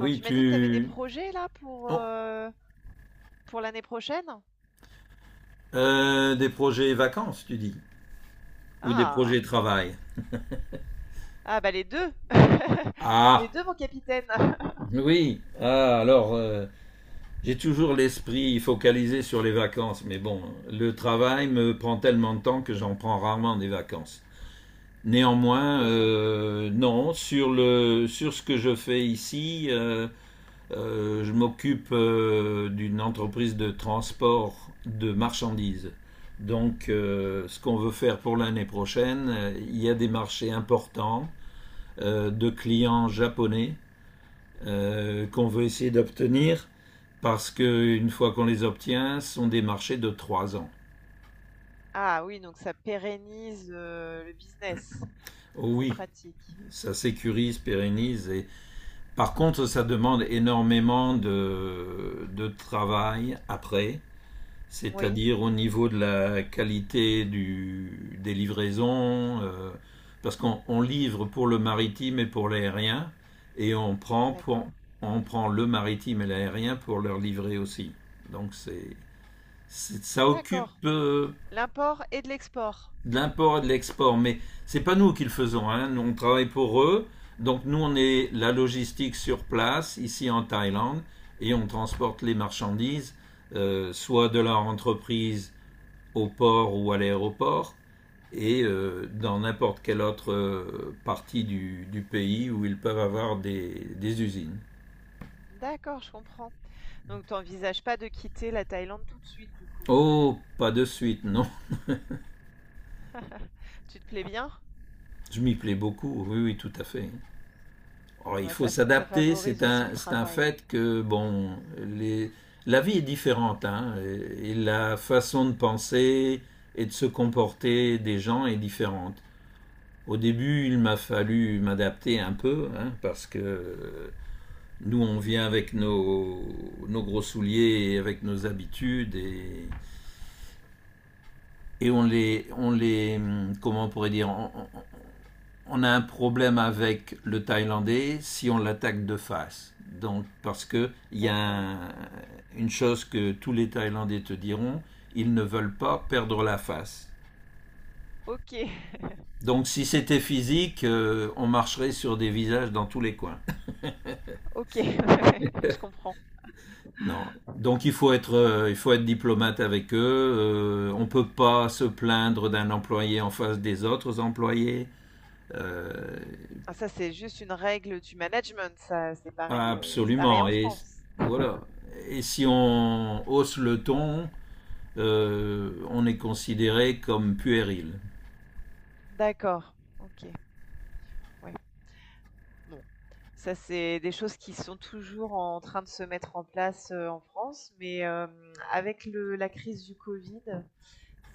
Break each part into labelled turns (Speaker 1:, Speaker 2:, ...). Speaker 1: Alors tu m'as dit que tu avais des
Speaker 2: tu.
Speaker 1: projets là
Speaker 2: Oh,
Speaker 1: pour l'année prochaine?
Speaker 2: des projets vacances, tu dis? Ou des
Speaker 1: Ah!
Speaker 2: projets travail?
Speaker 1: Ah bah les 2 Les
Speaker 2: Ah,
Speaker 1: 2 mon capitaine!
Speaker 2: oui. Ah, alors, j'ai toujours l'esprit focalisé sur les vacances, mais bon, le travail me prend tellement de temps que j'en prends rarement des vacances. Néanmoins,
Speaker 1: C'est ça.
Speaker 2: non, sur le, sur ce que je fais ici, euh. Je m'occupe d'une entreprise de transport de marchandises. Donc, ce qu'on veut faire pour l'année prochaine, il y a des marchés importants de clients japonais qu'on veut essayer d'obtenir parce que une fois qu'on les obtient, ce sont des marchés de 3 ans.
Speaker 1: Ah oui, donc ça pérennise, le business.
Speaker 2: Oh
Speaker 1: C'est
Speaker 2: oui,
Speaker 1: pratique.
Speaker 2: ça sécurise, pérennise. Et... Par contre, ça demande énormément de travail après,
Speaker 1: Oui,
Speaker 2: c'est-à-dire au niveau de la qualité du, des livraisons, parce qu'on on livre pour le maritime et pour l'aérien, et on prend,
Speaker 1: d'accord.
Speaker 2: on prend le maritime et l'aérien pour leur livrer aussi. Donc c'est, ça occupe
Speaker 1: D'accord. L'import et de l'export.
Speaker 2: de l'import et de l'export, mais c'est pas nous qui le faisons, hein. Nous, on travaille pour eux, donc nous on est la logistique sur place, ici en Thaïlande, et on transporte les marchandises, soit de leur entreprise au port ou à l'aéroport et dans n'importe quelle autre partie du pays où ils peuvent avoir des usines.
Speaker 1: D'accord, je comprends. Donc tu envisages pas de quitter la Thaïlande tout de suite du coup?
Speaker 2: Oh, pas de suite, non.
Speaker 1: Tu te plais bien?
Speaker 2: Je m'y plais beaucoup, oui, oui, tout à fait. Alors,
Speaker 1: Bon
Speaker 2: il
Speaker 1: bah
Speaker 2: faut
Speaker 1: ça
Speaker 2: s'adapter,
Speaker 1: favorise aussi le
Speaker 2: c'est un
Speaker 1: travail.
Speaker 2: fait que, bon, les, la vie est différente, hein, et la façon de penser et de se comporter des gens est différente. Au début, il m'a fallu m'adapter un peu, hein, parce que nous, on vient avec nos, nos gros souliers et avec nos habitudes et on les, comment on pourrait dire, on a un problème avec le Thaïlandais si on l'attaque de face. Donc, parce que il y a
Speaker 1: D'accord.
Speaker 2: un- une chose que tous les Thaïlandais te diront, ils ne veulent pas perdre la face.
Speaker 1: OK.
Speaker 2: Donc, si c'était physique, on marcherait sur des visages dans tous les coins.
Speaker 1: OK, je comprends.
Speaker 2: Non. Donc il faut être diplomate avec eux. On ne peut pas se plaindre d'un employé en face des autres employés. Euh,
Speaker 1: Ah ça, c'est juste une règle du management, ça, c'est pareil
Speaker 2: absolument.
Speaker 1: en
Speaker 2: Et
Speaker 1: France.
Speaker 2: voilà. Et si on hausse le ton, on est considéré comme puéril.
Speaker 1: D'accord, OK, ouais. Bon, ça, c'est des choses qui sont toujours en train de se mettre en place, en France, mais, avec le la crise du Covid,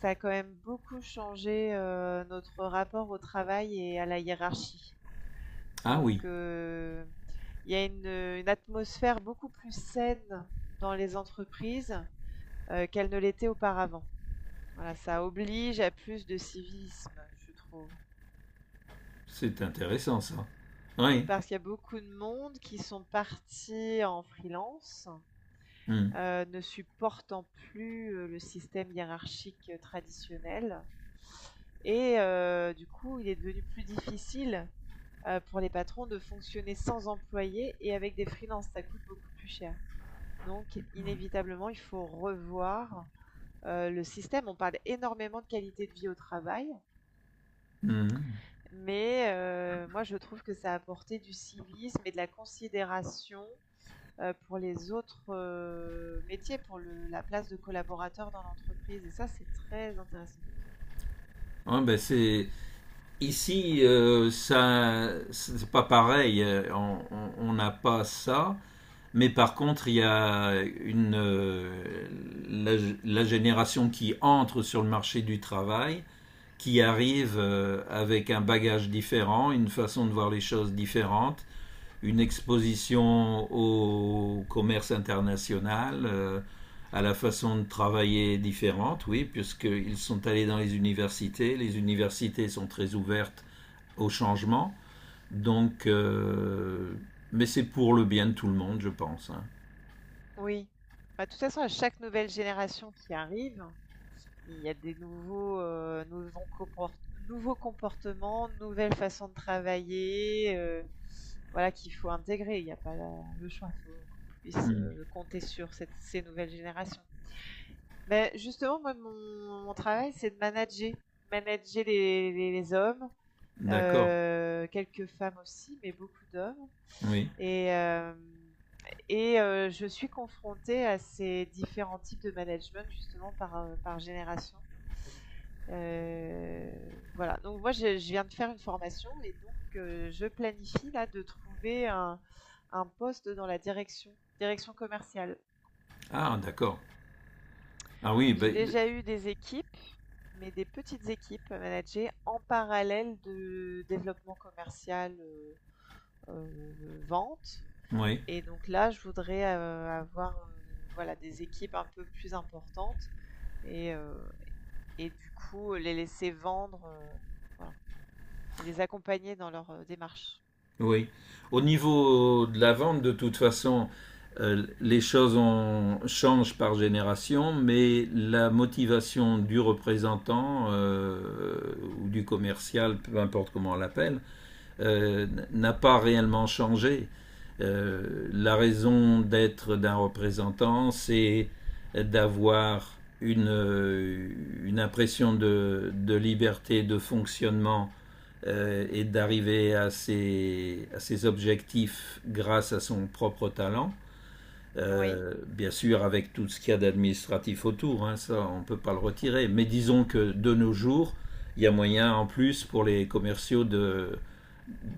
Speaker 1: ça a quand même beaucoup changé, notre rapport au travail et à la hiérarchie.
Speaker 2: Ah oui,
Speaker 1: Donc, il y a une atmosphère beaucoup plus saine dans les entreprises, qu'elle ne l'était auparavant. Voilà, ça oblige à plus de civisme, je trouve.
Speaker 2: c'est intéressant ça. Oui.
Speaker 1: Parce qu'il y a beaucoup de monde qui sont partis en freelance,
Speaker 2: Hum,
Speaker 1: ne supportant plus le système hiérarchique traditionnel. Et du coup, il est devenu plus difficile pour les patrons de fonctionner sans employés et avec des freelances. Ça coûte beaucoup plus cher. Donc, inévitablement, il faut revoir le système. On parle énormément de qualité de vie au travail.
Speaker 2: hum.
Speaker 1: Mais moi, je trouve que ça apportait du civisme et de la considération, pour les autres, métiers, pour le la place de collaborateur dans l'entreprise, et ça, c'est très intéressant.
Speaker 2: Ah, ben, c'est ici, ça, c'est pas pareil. On on n'a pas ça. Mais par contre, il y a une, la, la génération qui entre sur le marché du travail, qui arrive avec un bagage différent, une façon de voir les choses différente, une exposition au commerce international, à la façon de travailler différente, oui, puisqu'ils sont allés dans les universités sont très ouvertes au changement, donc, mais c'est pour le bien de tout le monde, je pense, hein.
Speaker 1: Oui. Bah, de toute façon, à chaque nouvelle génération qui arrive, il y a des nouveaux, nouveaux comport nouveaux comportements, nouvelles façons de travailler, voilà, qu'il faut intégrer. Il n'y a pas le choix. Il faut qu'on puisse,
Speaker 2: Mm.
Speaker 1: compter sur cette ces nouvelles générations. Beh, justement, moi, mon travail, c'est de manager. Manager les hommes,
Speaker 2: D'accord.
Speaker 1: quelques femmes aussi, mais beaucoup d'hommes.
Speaker 2: Oui.
Speaker 1: Et hem je suis confrontée à ces différents types de management justement par, par génération. Heu, voilà, donc moi je viens de faire une formation et donc je planifie là de trouver un poste dans la direction, direction commerciale.
Speaker 2: Ah, d'accord. Ah oui,
Speaker 1: J'ai
Speaker 2: ben, d-
Speaker 1: déjà eu des équipes, mais des petites équipes à manager en parallèle de développement commercial, vente,
Speaker 2: oui,
Speaker 1: et donc là, je voudrais, avoir, voilà, des équipes un peu plus importantes, et heu et du coup, les laisser vendre, voilà, et les accompagner dans leur, démarche.
Speaker 2: oui. Au niveau de la vente, de toute façon, les choses changent par génération, mais la motivation du représentant ou du commercial, peu importe comment on l'appelle, n'a pas réellement changé. La raison d'être d'un représentant, c'est d'avoir une impression de liberté de fonctionnement et d'arriver à ses objectifs grâce à son propre talent.
Speaker 1: Oui,
Speaker 2: Bien sûr, avec tout ce qu'il y a d'administratif autour, hein, ça on ne peut pas le
Speaker 1: c'est ça.
Speaker 2: retirer. Mais disons que de nos jours, il y a moyen en plus pour les commerciaux de,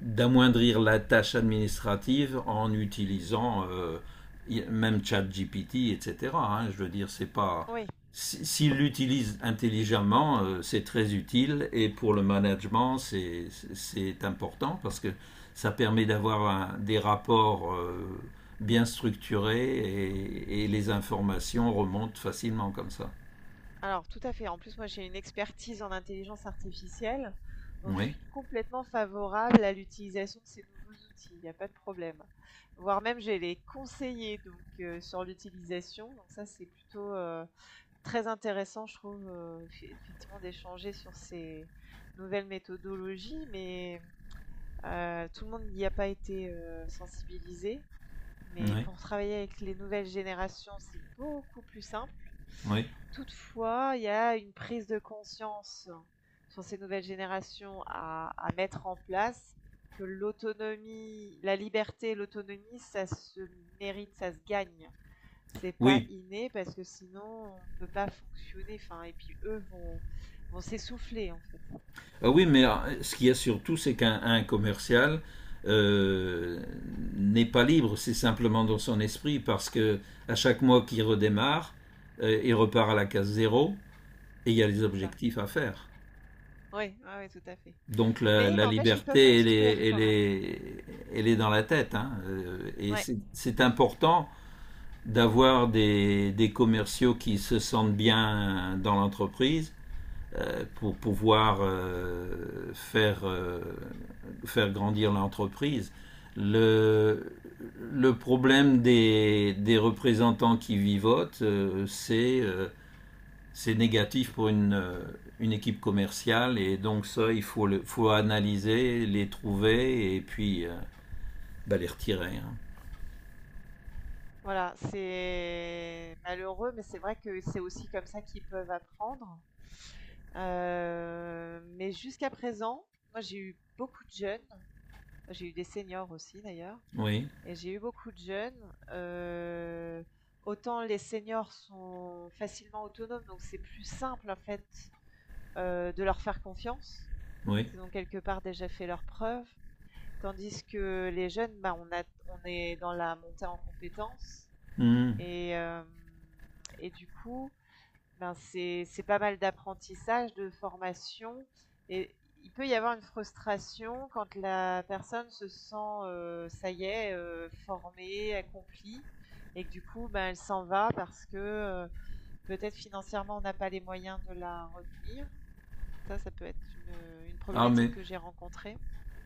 Speaker 2: d'amoindrir la tâche administrative en utilisant même ChatGPT, etc., hein. Je veux dire, c'est pas.
Speaker 1: Oui.
Speaker 2: S'il l'utilise intelligemment, c'est très utile et pour le management, c'est important parce que ça permet d'avoir des rapports bien structurés et les informations remontent facilement comme ça.
Speaker 1: Alors tout à fait. En plus, moi, j'ai une expertise en intelligence artificielle, donc je
Speaker 2: Oui,
Speaker 1: suis complètement favorable à l'utilisation de ces nouveaux outils. Il n'y a pas de problème. Voire même, j'ai les conseillers donc sur l'utilisation. Donc ça, c'est plutôt très intéressant, je trouve, effectivement, d'échanger sur ces nouvelles méthodologies. Mais tout le monde n'y a pas été sensibilisé. Mais
Speaker 2: oui,
Speaker 1: pour travailler avec les nouvelles générations, c'est beaucoup plus simple.
Speaker 2: oui.
Speaker 1: Toutefois, il y a une prise de conscience sur ces nouvelles générations à mettre en place, que l'autonomie la liberté et l'autonomie, ça se mérite, ça se gagne. C'est pas
Speaker 2: Oui.
Speaker 1: inné parce que sinon on peut pas fonctionner, enfin, et puis eux vont s'essouffler en fait.
Speaker 2: Ah oui, mais ce qu'il y a surtout, c'est qu'un commercial euh, n'est pas libre, c'est simplement dans son esprit, parce que à chaque mois qu'il redémarre, il repart à la case zéro et il y a les
Speaker 1: C'est ça.
Speaker 2: objectifs à faire.
Speaker 1: Oui, ouais, ouais, tout à fait.
Speaker 2: Donc la,
Speaker 1: Mais
Speaker 2: la
Speaker 1: n'empêche qu'ils peuvent
Speaker 2: liberté, elle
Speaker 1: construire
Speaker 2: est, elle,
Speaker 1: quand même.
Speaker 2: est, elle est dans la tête, hein. Et
Speaker 1: Ouais,
Speaker 2: c'est important d'avoir des commerciaux qui se sentent bien dans l'entreprise pour pouvoir faire, faire grandir l'entreprise. Le, le problème des, représentants qui vivotent, c'est négatif pour une, équipe commerciale et donc ça, il faut, le, faut analyser, les trouver et puis bah, les retirer, hein.
Speaker 1: voilà, c'est malheureux, mais c'est vrai que c'est aussi comme ça qu'ils peuvent apprendre. Mais jusqu'à présent, moi j'ai eu beaucoup de jeunes, j'ai eu des seniors aussi d'ailleurs,
Speaker 2: Oui,
Speaker 1: et j'ai eu beaucoup de jeunes. Autant les seniors sont facilement autonomes, donc c'est plus simple en fait, de leur faire confiance.
Speaker 2: oui.
Speaker 1: Ils ont quelque part déjà fait leurs preuves. Tandis que les jeunes, bah, on est dans la montée en compétences,
Speaker 2: Mmh.
Speaker 1: et hem et du coup ben, c'est pas mal d'apprentissage, de formation, et il peut y avoir une frustration quand la personne se sent, ça y est, formée, accomplie, et que du coup, ben, elle s'en va parce que, heu, peut-être financièrement on n'a pas les moyens de la retenir. Ça peut être une
Speaker 2: Ah
Speaker 1: problématique
Speaker 2: mais
Speaker 1: que j'ai rencontrée.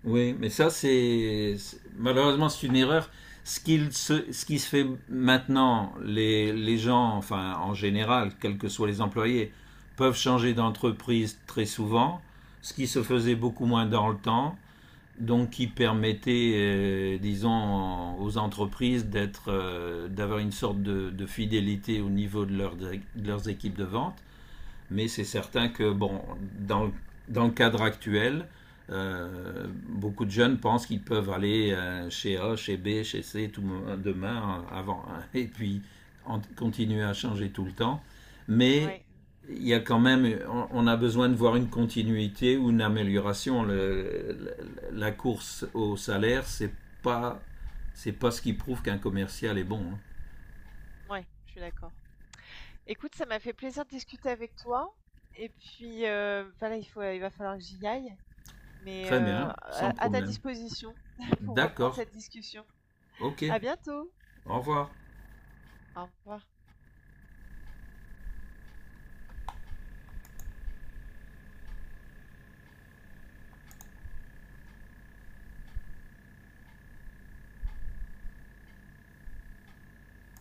Speaker 2: oui, mais ça, c'est malheureusement, c'est une erreur. Ce, qu'il se, ce qui se fait maintenant, les gens, enfin en général, quels que soient les employés, peuvent changer d'entreprise très souvent, ce qui se faisait beaucoup moins dans le temps, donc qui permettait, disons, aux entreprises d'être, d'avoir une sorte de, fidélité au niveau de, leur, de leurs équipes de vente. Mais c'est certain que, bon, dans, dans le cadre actuel, beaucoup de jeunes pensent qu'ils peuvent aller chez A, chez B, chez C tout demain, avant, hein, et puis continuer à changer tout le temps. Mais
Speaker 1: Ouais,
Speaker 2: il y a quand même, on a besoin de voir une continuité ou une amélioration. La course au salaire, pas, c'est pas ce qui prouve qu'un commercial est bon, hein.
Speaker 1: ouais, je suis d'accord. Écoute, ça m'a fait plaisir de discuter avec toi, et puis, bah, il va falloir que j'y aille, mais
Speaker 2: Très bien, sans
Speaker 1: à ta
Speaker 2: problème.
Speaker 1: disposition pour reprendre
Speaker 2: D'accord,
Speaker 1: cette discussion.
Speaker 2: ok,
Speaker 1: À bientôt.
Speaker 2: au revoir.
Speaker 1: Au revoir.